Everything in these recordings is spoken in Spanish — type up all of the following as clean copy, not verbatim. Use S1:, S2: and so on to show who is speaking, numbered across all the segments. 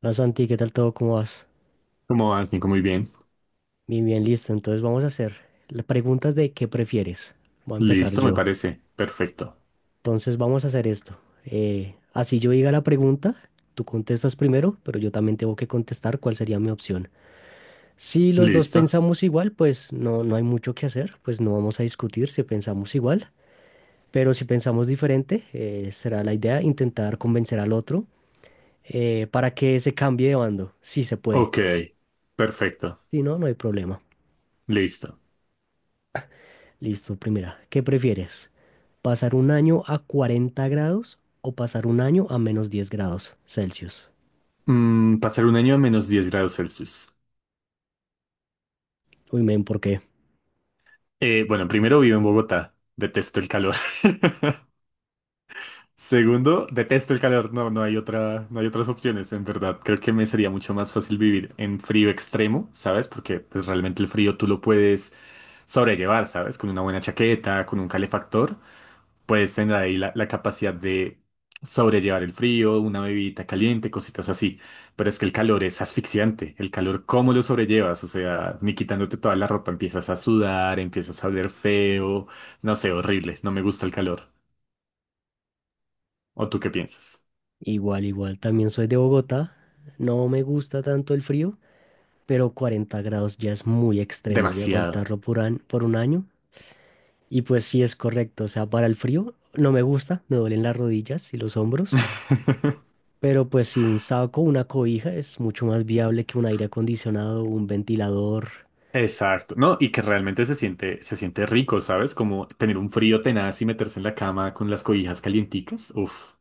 S1: Hola Santi, ¿qué tal todo? ¿Cómo vas?
S2: ¿Cómo vas, Nico? Muy bien.
S1: Bien, bien, listo. Entonces vamos a hacer las preguntas de qué prefieres. Voy a empezar
S2: Listo, me
S1: yo.
S2: parece. Perfecto.
S1: Entonces vamos a hacer esto. Así yo diga la pregunta, tú contestas primero, pero yo también tengo que contestar cuál sería mi opción. Si los dos
S2: Listo.
S1: pensamos igual, pues no hay mucho que hacer, pues no vamos a discutir si pensamos igual. Pero si pensamos diferente, será la idea intentar convencer al otro para que se cambie de bando, si se puede.
S2: Ok. Perfecto.
S1: Si no, no hay problema.
S2: Listo.
S1: Listo, primera. ¿Qué prefieres? ¿Pasar un año a 40 grados o pasar un año a menos 10 grados Celsius?
S2: Pasar un año a menos diez grados Celsius.
S1: Uy, men, ¿por qué?
S2: Bueno, primero vivo en Bogotá. Detesto el calor. Segundo, detesto el calor. No, no hay otra, no hay otras opciones, en verdad. Creo que me sería mucho más fácil vivir en frío extremo, ¿sabes? Porque pues, realmente el frío tú lo puedes sobrellevar, ¿sabes? Con una buena chaqueta, con un calefactor. Puedes tener ahí la capacidad de sobrellevar el frío, una bebidita caliente, cositas así. Pero es que el calor es asfixiante. El calor, ¿cómo lo sobrellevas? O sea, ni quitándote toda la ropa empiezas a sudar, empiezas a oler feo. No sé, horrible. No me gusta el calor. ¿O tú qué piensas?
S1: Igual, igual, también soy de Bogotá. No me gusta tanto el frío, pero 40 grados ya es muy extremo y
S2: Demasiado.
S1: aguantarlo por, por un año. Y pues sí es correcto, o sea, para el frío no me gusta, me duelen las rodillas y los hombros, pero pues sí un saco, una cobija es mucho más viable que un aire acondicionado, un ventilador.
S2: Exacto, ¿no? Y que realmente se siente rico, ¿sabes? Como tener un frío tenaz y meterse en la cama con las cobijas calienticas. Uf,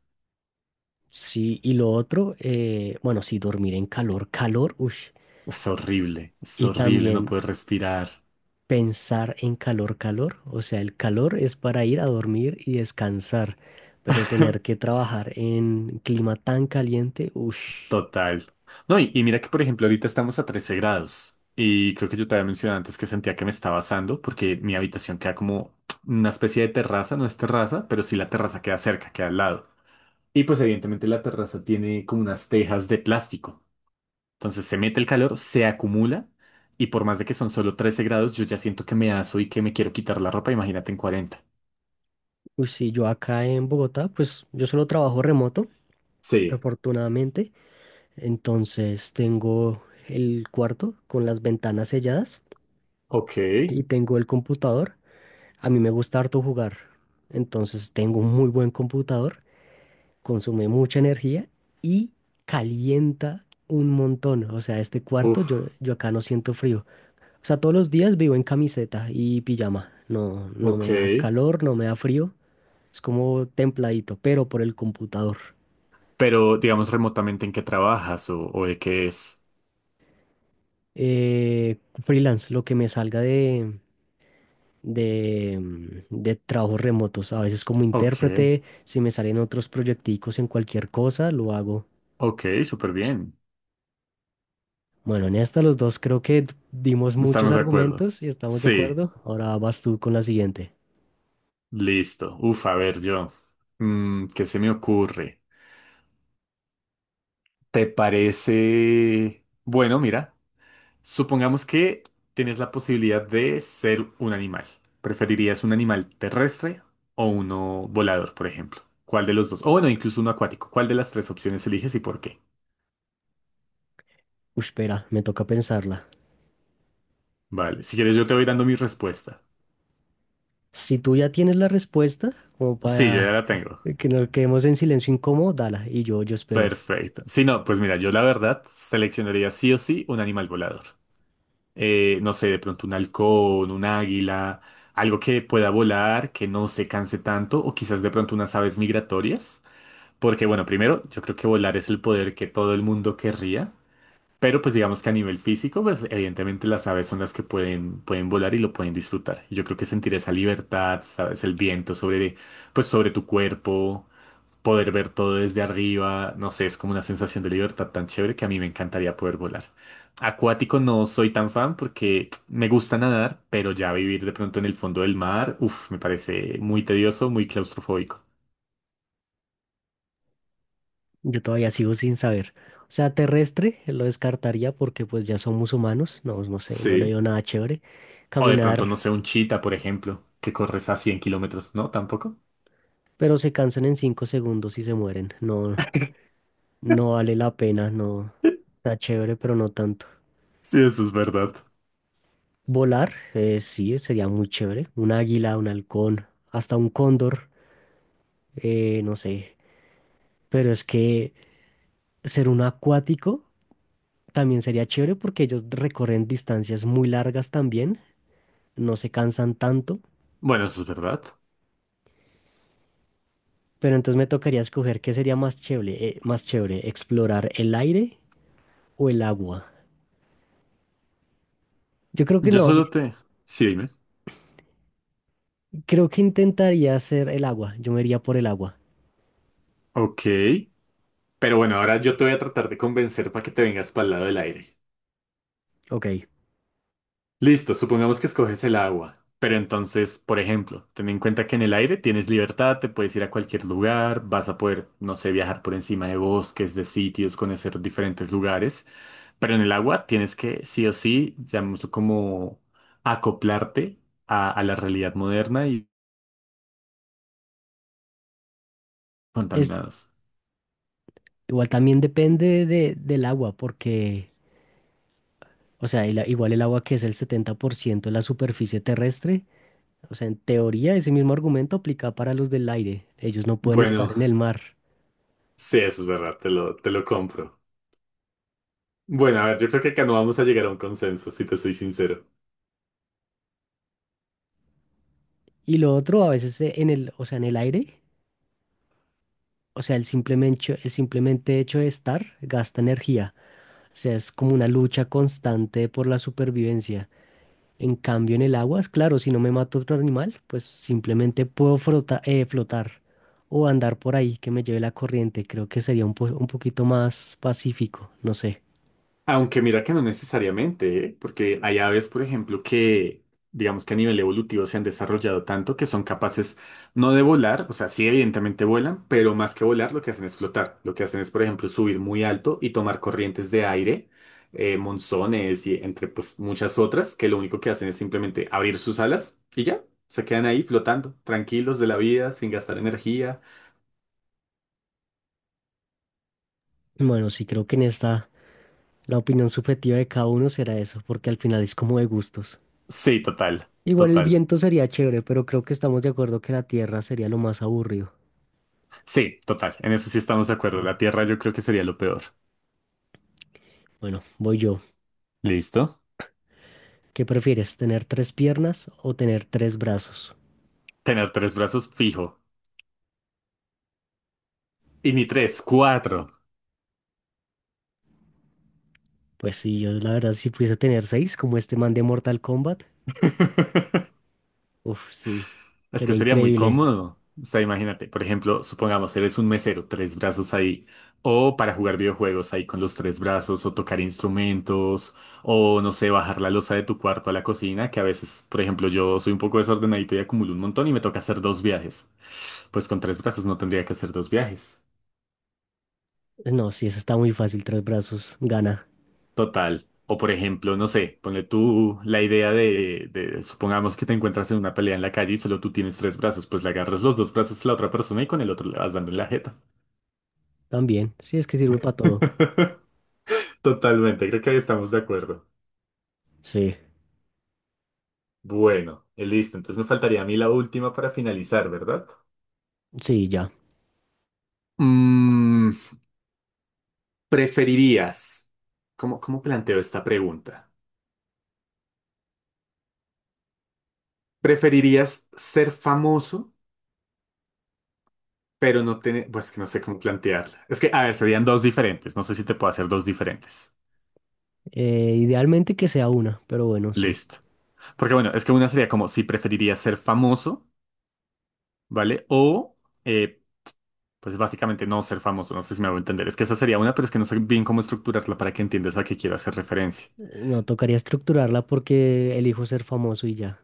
S1: Sí, y lo otro, bueno, sí, dormir en calor, calor, ush,
S2: es
S1: y
S2: horrible no
S1: también
S2: poder respirar.
S1: pensar en calor, calor, o sea, el calor es para ir a dormir y descansar, pero tener que trabajar en clima tan caliente, ush,
S2: Total. No, y mira que, por ejemplo, ahorita estamos a 13 grados. Y creo que yo te había mencionado antes que sentía que me estaba asando porque mi habitación queda como una especie de terraza, no es terraza, pero sí la terraza queda cerca, queda al lado. Y pues evidentemente la terraza tiene como unas tejas de plástico. Entonces se mete el calor, se acumula y por más de que son solo 13 grados, yo ya siento que me aso y que me quiero quitar la ropa, imagínate en cuarenta.
S1: ush, sí, yo acá en Bogotá, pues yo solo trabajo remoto,
S2: Sí,
S1: afortunadamente, entonces tengo el cuarto con las ventanas selladas
S2: ok,
S1: y tengo el computador, a mí me gusta harto jugar, entonces tengo un muy buen computador. Consume mucha energía y calienta un montón. O sea, este cuarto yo,
S2: uf,
S1: yo acá no siento frío. O sea, todos los días vivo en camiseta y pijama. No, no
S2: ok.
S1: me da calor, no me da frío. Es como templadito, pero por el computador.
S2: Pero digamos remotamente en qué trabajas o de qué es.
S1: Eh, Freelance, lo que me salga de trabajos remotos. A veces como
S2: Ok,
S1: intérprete, si me salen otros proyecticos en cualquier cosa, lo hago.
S2: ok, súper bien.
S1: Bueno, en esta los dos creo que dimos muchos
S2: Estamos de acuerdo.
S1: argumentos y estamos de
S2: Sí,
S1: acuerdo. Ahora vas tú con la siguiente.
S2: listo. Uf, a ver, yo. ¿Qué se me ocurre? ¿Te parece... Bueno, mira, supongamos que tienes la posibilidad de ser un animal. ¿Preferirías un animal terrestre o uno volador, por ejemplo? ¿Cuál de los dos? O bueno, incluso uno acuático. ¿Cuál de las tres opciones eliges y por qué?
S1: Uy, espera, me toca pensarla.
S2: Vale, si quieres yo te voy dando mi respuesta.
S1: Si tú ya tienes la respuesta, como
S2: Sí, yo
S1: para
S2: ya la tengo.
S1: que nos quedemos en silencio incómodo, dala. Y yo espero.
S2: Perfecto. Si no, pues mira, yo la verdad seleccionaría sí o sí un animal volador. No sé, de pronto un halcón, un águila, algo que pueda volar, que no se canse tanto, o quizás de pronto unas aves migratorias. Porque bueno, primero, yo creo que volar es el poder que todo el mundo querría, pero pues digamos que a nivel físico, pues evidentemente las aves son las que pueden volar y lo pueden disfrutar. Y yo creo que sentir esa libertad, sabes, el viento sobre, pues sobre tu cuerpo poder ver todo desde arriba, no sé, es como una sensación de libertad tan chévere que a mí me encantaría poder volar. Acuático no soy tan fan porque me gusta nadar, pero ya vivir de pronto en el fondo del mar, uff, me parece muy tedioso, muy claustrofóbico.
S1: Yo todavía sigo sin saber. O sea, terrestre lo descartaría porque pues ya somos humanos. No, no sé, no le
S2: Sí.
S1: dio nada chévere.
S2: O de pronto,
S1: Caminar,
S2: no sé, un chita, por ejemplo, que corres a 100 kilómetros, ¿no? Tampoco.
S1: pero se cansan en 5 segundos y se mueren. No, no vale la pena, no. Está chévere, pero no tanto.
S2: Sí, eso es verdad.
S1: Volar, sí, sería muy chévere. Un águila, un halcón, hasta un cóndor, no sé. Pero es que ser un acuático también sería chévere porque ellos recorren distancias muy largas también, no se cansan tanto.
S2: Bueno, eso es verdad.
S1: Pero entonces me tocaría escoger qué sería más chévere, explorar el aire o el agua. Yo creo que
S2: Yo
S1: no,
S2: solo te... Sí, dime.
S1: creo que intentaría hacer el agua. Yo me iría por el agua.
S2: Ok. Pero bueno, ahora yo te voy a tratar de convencer para que te vengas para el lado del aire.
S1: Ok.
S2: Listo, supongamos que escoges el agua, pero entonces, por ejemplo, ten en cuenta que en el aire tienes libertad, te puedes ir a cualquier lugar, vas a poder, no sé, viajar por encima de bosques, de sitios, conocer diferentes lugares, pero en el agua tienes que, sí o sí, llamémoslo como acoplarte a la realidad moderna y
S1: Es,
S2: contaminados.
S1: igual también depende de, del agua porque... O sea, igual el agua que es el 70% de la superficie terrestre, o sea, en teoría ese mismo argumento aplica para los del aire. Ellos no pueden estar
S2: Bueno,
S1: en el mar.
S2: sí, eso es verdad, te lo compro. Bueno, a ver, yo creo que acá no vamos a llegar a un consenso, si te soy sincero.
S1: Y lo otro, a veces o sea, en el aire, o sea, el simplemente hecho de estar gasta energía. O sea, es como una lucha constante por la supervivencia. En cambio, en el agua, es claro, si no me mato otro animal, pues simplemente puedo flotar o andar por ahí que me lleve la corriente. Creo que sería un poquito más pacífico, no sé.
S2: Aunque mira que no necesariamente, ¿eh? Porque hay aves, por ejemplo, que digamos que a nivel evolutivo se han desarrollado tanto que son capaces no de volar, o sea, sí evidentemente vuelan, pero más que volar lo que hacen es flotar. Lo que hacen es, por ejemplo, subir muy alto y tomar corrientes de aire, monzones y entre pues muchas otras, que lo único que hacen es simplemente abrir sus alas y ya, se quedan ahí flotando, tranquilos de la vida, sin gastar energía.
S1: Bueno, sí, creo que en esta la opinión subjetiva de cada uno será eso, porque al final es como de gustos.
S2: Sí, total,
S1: Igual el
S2: total.
S1: viento sería chévere, pero creo que estamos de acuerdo que la tierra sería lo más aburrido.
S2: Sí, total. En eso sí estamos de acuerdo. La Tierra yo creo que sería lo peor.
S1: Bueno, voy yo.
S2: Listo.
S1: ¿Qué prefieres, tener tres piernas o tener tres brazos?
S2: Tener tres brazos fijo. Y ni tres, cuatro.
S1: Pues sí, yo la verdad si pudiese tener seis, como este man de Mortal Kombat, uf, sí,
S2: Es que
S1: sería
S2: sería muy
S1: increíble.
S2: cómodo. O sea, imagínate, por ejemplo, supongamos eres un mesero, tres brazos ahí. O para jugar videojuegos ahí con los tres brazos, o tocar instrumentos, o no sé, bajar la losa de tu cuarto a la cocina, que a veces, por ejemplo, yo soy un poco desordenadito y acumulo un montón y me toca hacer dos viajes. Pues con tres brazos no tendría que hacer dos viajes.
S1: Pues no, sí, eso está muy fácil, tres brazos, gana.
S2: Total. O por ejemplo, no sé, ponle tú la idea de- supongamos que te encuentras en una pelea en la calle y solo tú tienes tres brazos, pues le agarras los dos brazos a la otra persona y con el otro le vas dando en la jeta.
S1: También, sí, es que sirve para todo.
S2: Totalmente, creo que ahí estamos de acuerdo.
S1: Sí,
S2: Bueno, listo, entonces me faltaría a mí la última para finalizar, ¿verdad?
S1: sí, ya.
S2: Mm, ¿Preferirías? ¿Cómo planteo esta pregunta? ¿Preferirías ser famoso, pero no tener... Pues que no sé cómo plantearla. Es que, a ver, serían dos diferentes, no sé si te puedo hacer dos diferentes.
S1: Idealmente que sea una, pero bueno, sí.
S2: Listo. Porque bueno, es que una sería como si preferiría ser famoso, ¿vale? O, eh, pues básicamente no ser famoso, no sé si me hago entender. Es que esa sería una, pero es que no sé bien cómo estructurarla para que entiendas a qué quiero hacer referencia.
S1: No, tocaría estructurarla porque elijo ser famoso y ya.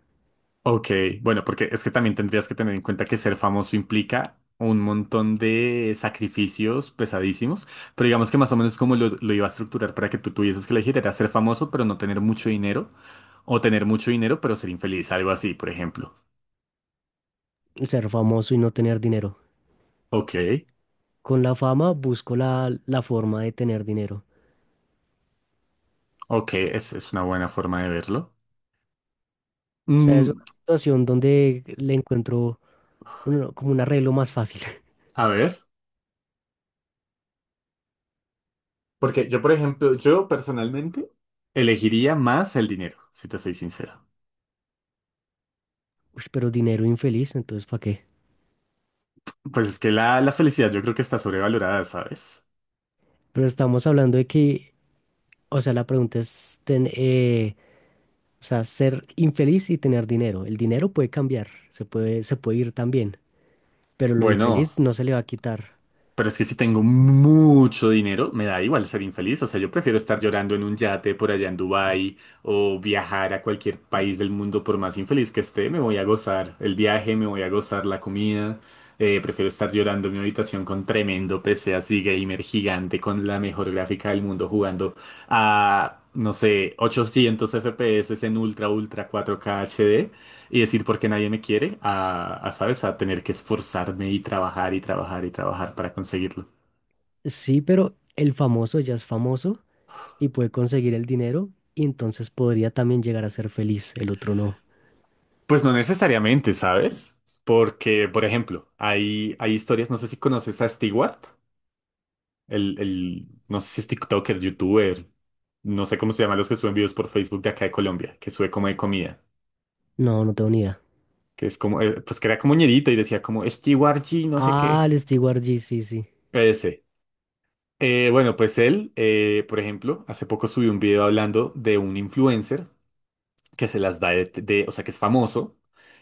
S2: Ok, bueno, porque es que también tendrías que tener en cuenta que ser famoso implica un montón de sacrificios pesadísimos, pero digamos que más o menos como lo iba a estructurar para que tú tuvieses que elegir era ser famoso pero no tener mucho dinero, o tener mucho dinero pero ser infeliz, algo así, por ejemplo.
S1: Ser famoso y no tener dinero.
S2: Ok.
S1: Con la fama busco la forma de tener dinero.
S2: Ok, es una buena forma de verlo.
S1: O sea, es
S2: Mm,
S1: una situación donde le encuentro como un arreglo más fácil.
S2: a ver, porque yo, por ejemplo, yo personalmente elegiría más el dinero, si te soy sincero.
S1: Uy, pero dinero infeliz, entonces ¿para qué?
S2: Pues es que la felicidad yo creo que está sobrevalorada, ¿sabes?
S1: Pero estamos hablando de que, o sea, la pregunta es, o sea, ser infeliz y tener dinero. El dinero puede cambiar, se puede ir también, pero lo
S2: Bueno,
S1: infeliz no se le va a quitar.
S2: pero es que si tengo mucho dinero, me da igual ser infeliz. O sea, yo prefiero estar llorando en un yate por allá en Dubái o viajar a cualquier país del mundo por más infeliz que esté. Me voy a gozar el viaje, me voy a gozar la comida. Prefiero estar llorando en mi habitación con tremendo PC así gamer gigante con la mejor gráfica del mundo jugando a, no sé, 800 FPS en ultra, ultra 4K HD y decir por qué nadie me quiere, a, ¿sabes? A tener que esforzarme y trabajar y trabajar y trabajar para conseguirlo.
S1: Sí, pero el famoso ya es famoso y puede conseguir el dinero y entonces podría también llegar a ser feliz. El otro no.
S2: Pues no necesariamente, ¿sabes? Porque, por ejemplo, hay historias, no sé si conoces a Stewart, el, no sé si es TikToker, YouTuber, no sé cómo se llaman los que suben videos por Facebook de acá de Colombia, que sube como de comida,
S1: No, no tengo ni idea.
S2: que es como, pues que era como ñerito y decía como Stewart G, no sé
S1: Ah,
S2: qué.
S1: el Steward G, sí, sí.
S2: Ese. Bueno, pues él, por ejemplo, hace poco subió un video hablando de un influencer que se las da de- o sea, que es famoso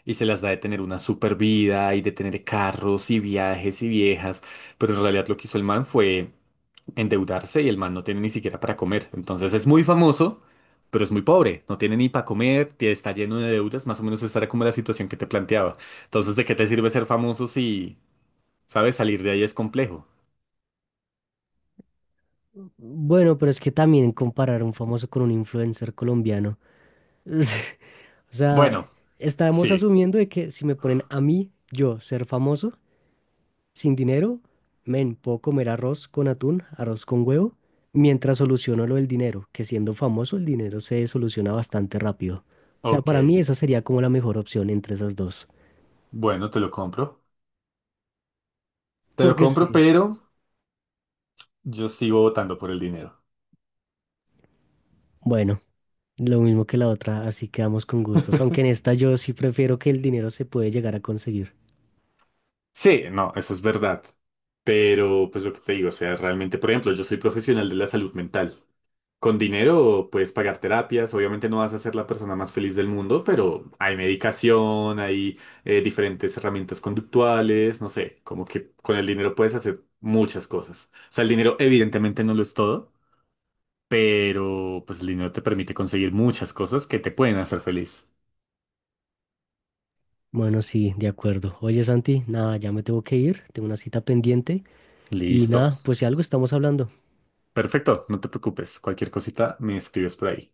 S2: y se las da de tener una super vida y de tener carros y viajes y viejas, pero en realidad lo que hizo el man fue endeudarse y el man no tiene ni siquiera para comer. Entonces es muy famoso, pero es muy pobre, no tiene ni para comer, tie- está lleno de deudas, más o menos esta era como la situación que te planteaba. Entonces, ¿de qué te sirve ser famoso si, sabes, salir de ahí es complejo?
S1: Bueno, pero es que también comparar a un famoso con un influencer colombiano. O sea,
S2: Bueno,
S1: estamos
S2: sí,
S1: asumiendo de que si me ponen a mí, yo, ser famoso, sin dinero, men, puedo comer arroz con atún, arroz con huevo, mientras soluciono lo del dinero, que siendo famoso el dinero se soluciona bastante rápido. O sea, para mí
S2: ok,
S1: esa sería como la mejor opción entre esas dos.
S2: bueno, te lo compro. Te lo
S1: Porque
S2: compro,
S1: sí.
S2: pero yo sigo votando por el dinero.
S1: Bueno, lo mismo que la otra, así quedamos con gustos. Aunque en esta yo sí prefiero que el dinero se puede llegar a conseguir.
S2: Sí, no, eso es verdad. Pero, pues lo que te digo, o sea, realmente, por ejemplo, yo soy profesional de la salud mental. Con dinero puedes pagar terapias, obviamente no vas a ser la persona más feliz del mundo, pero hay medicación, hay diferentes herramientas conductuales, no sé, como que con el dinero puedes hacer muchas cosas. O sea, el dinero evidentemente no lo es todo, pero pues el dinero te permite conseguir muchas cosas que te pueden hacer feliz.
S1: Bueno, sí, de acuerdo. Oye, Santi, nada, ya me tengo que ir, tengo una cita pendiente y
S2: Listo.
S1: nada, pues si algo estamos hablando.
S2: Perfecto, no te preocupes. Cualquier cosita me escribes por ahí.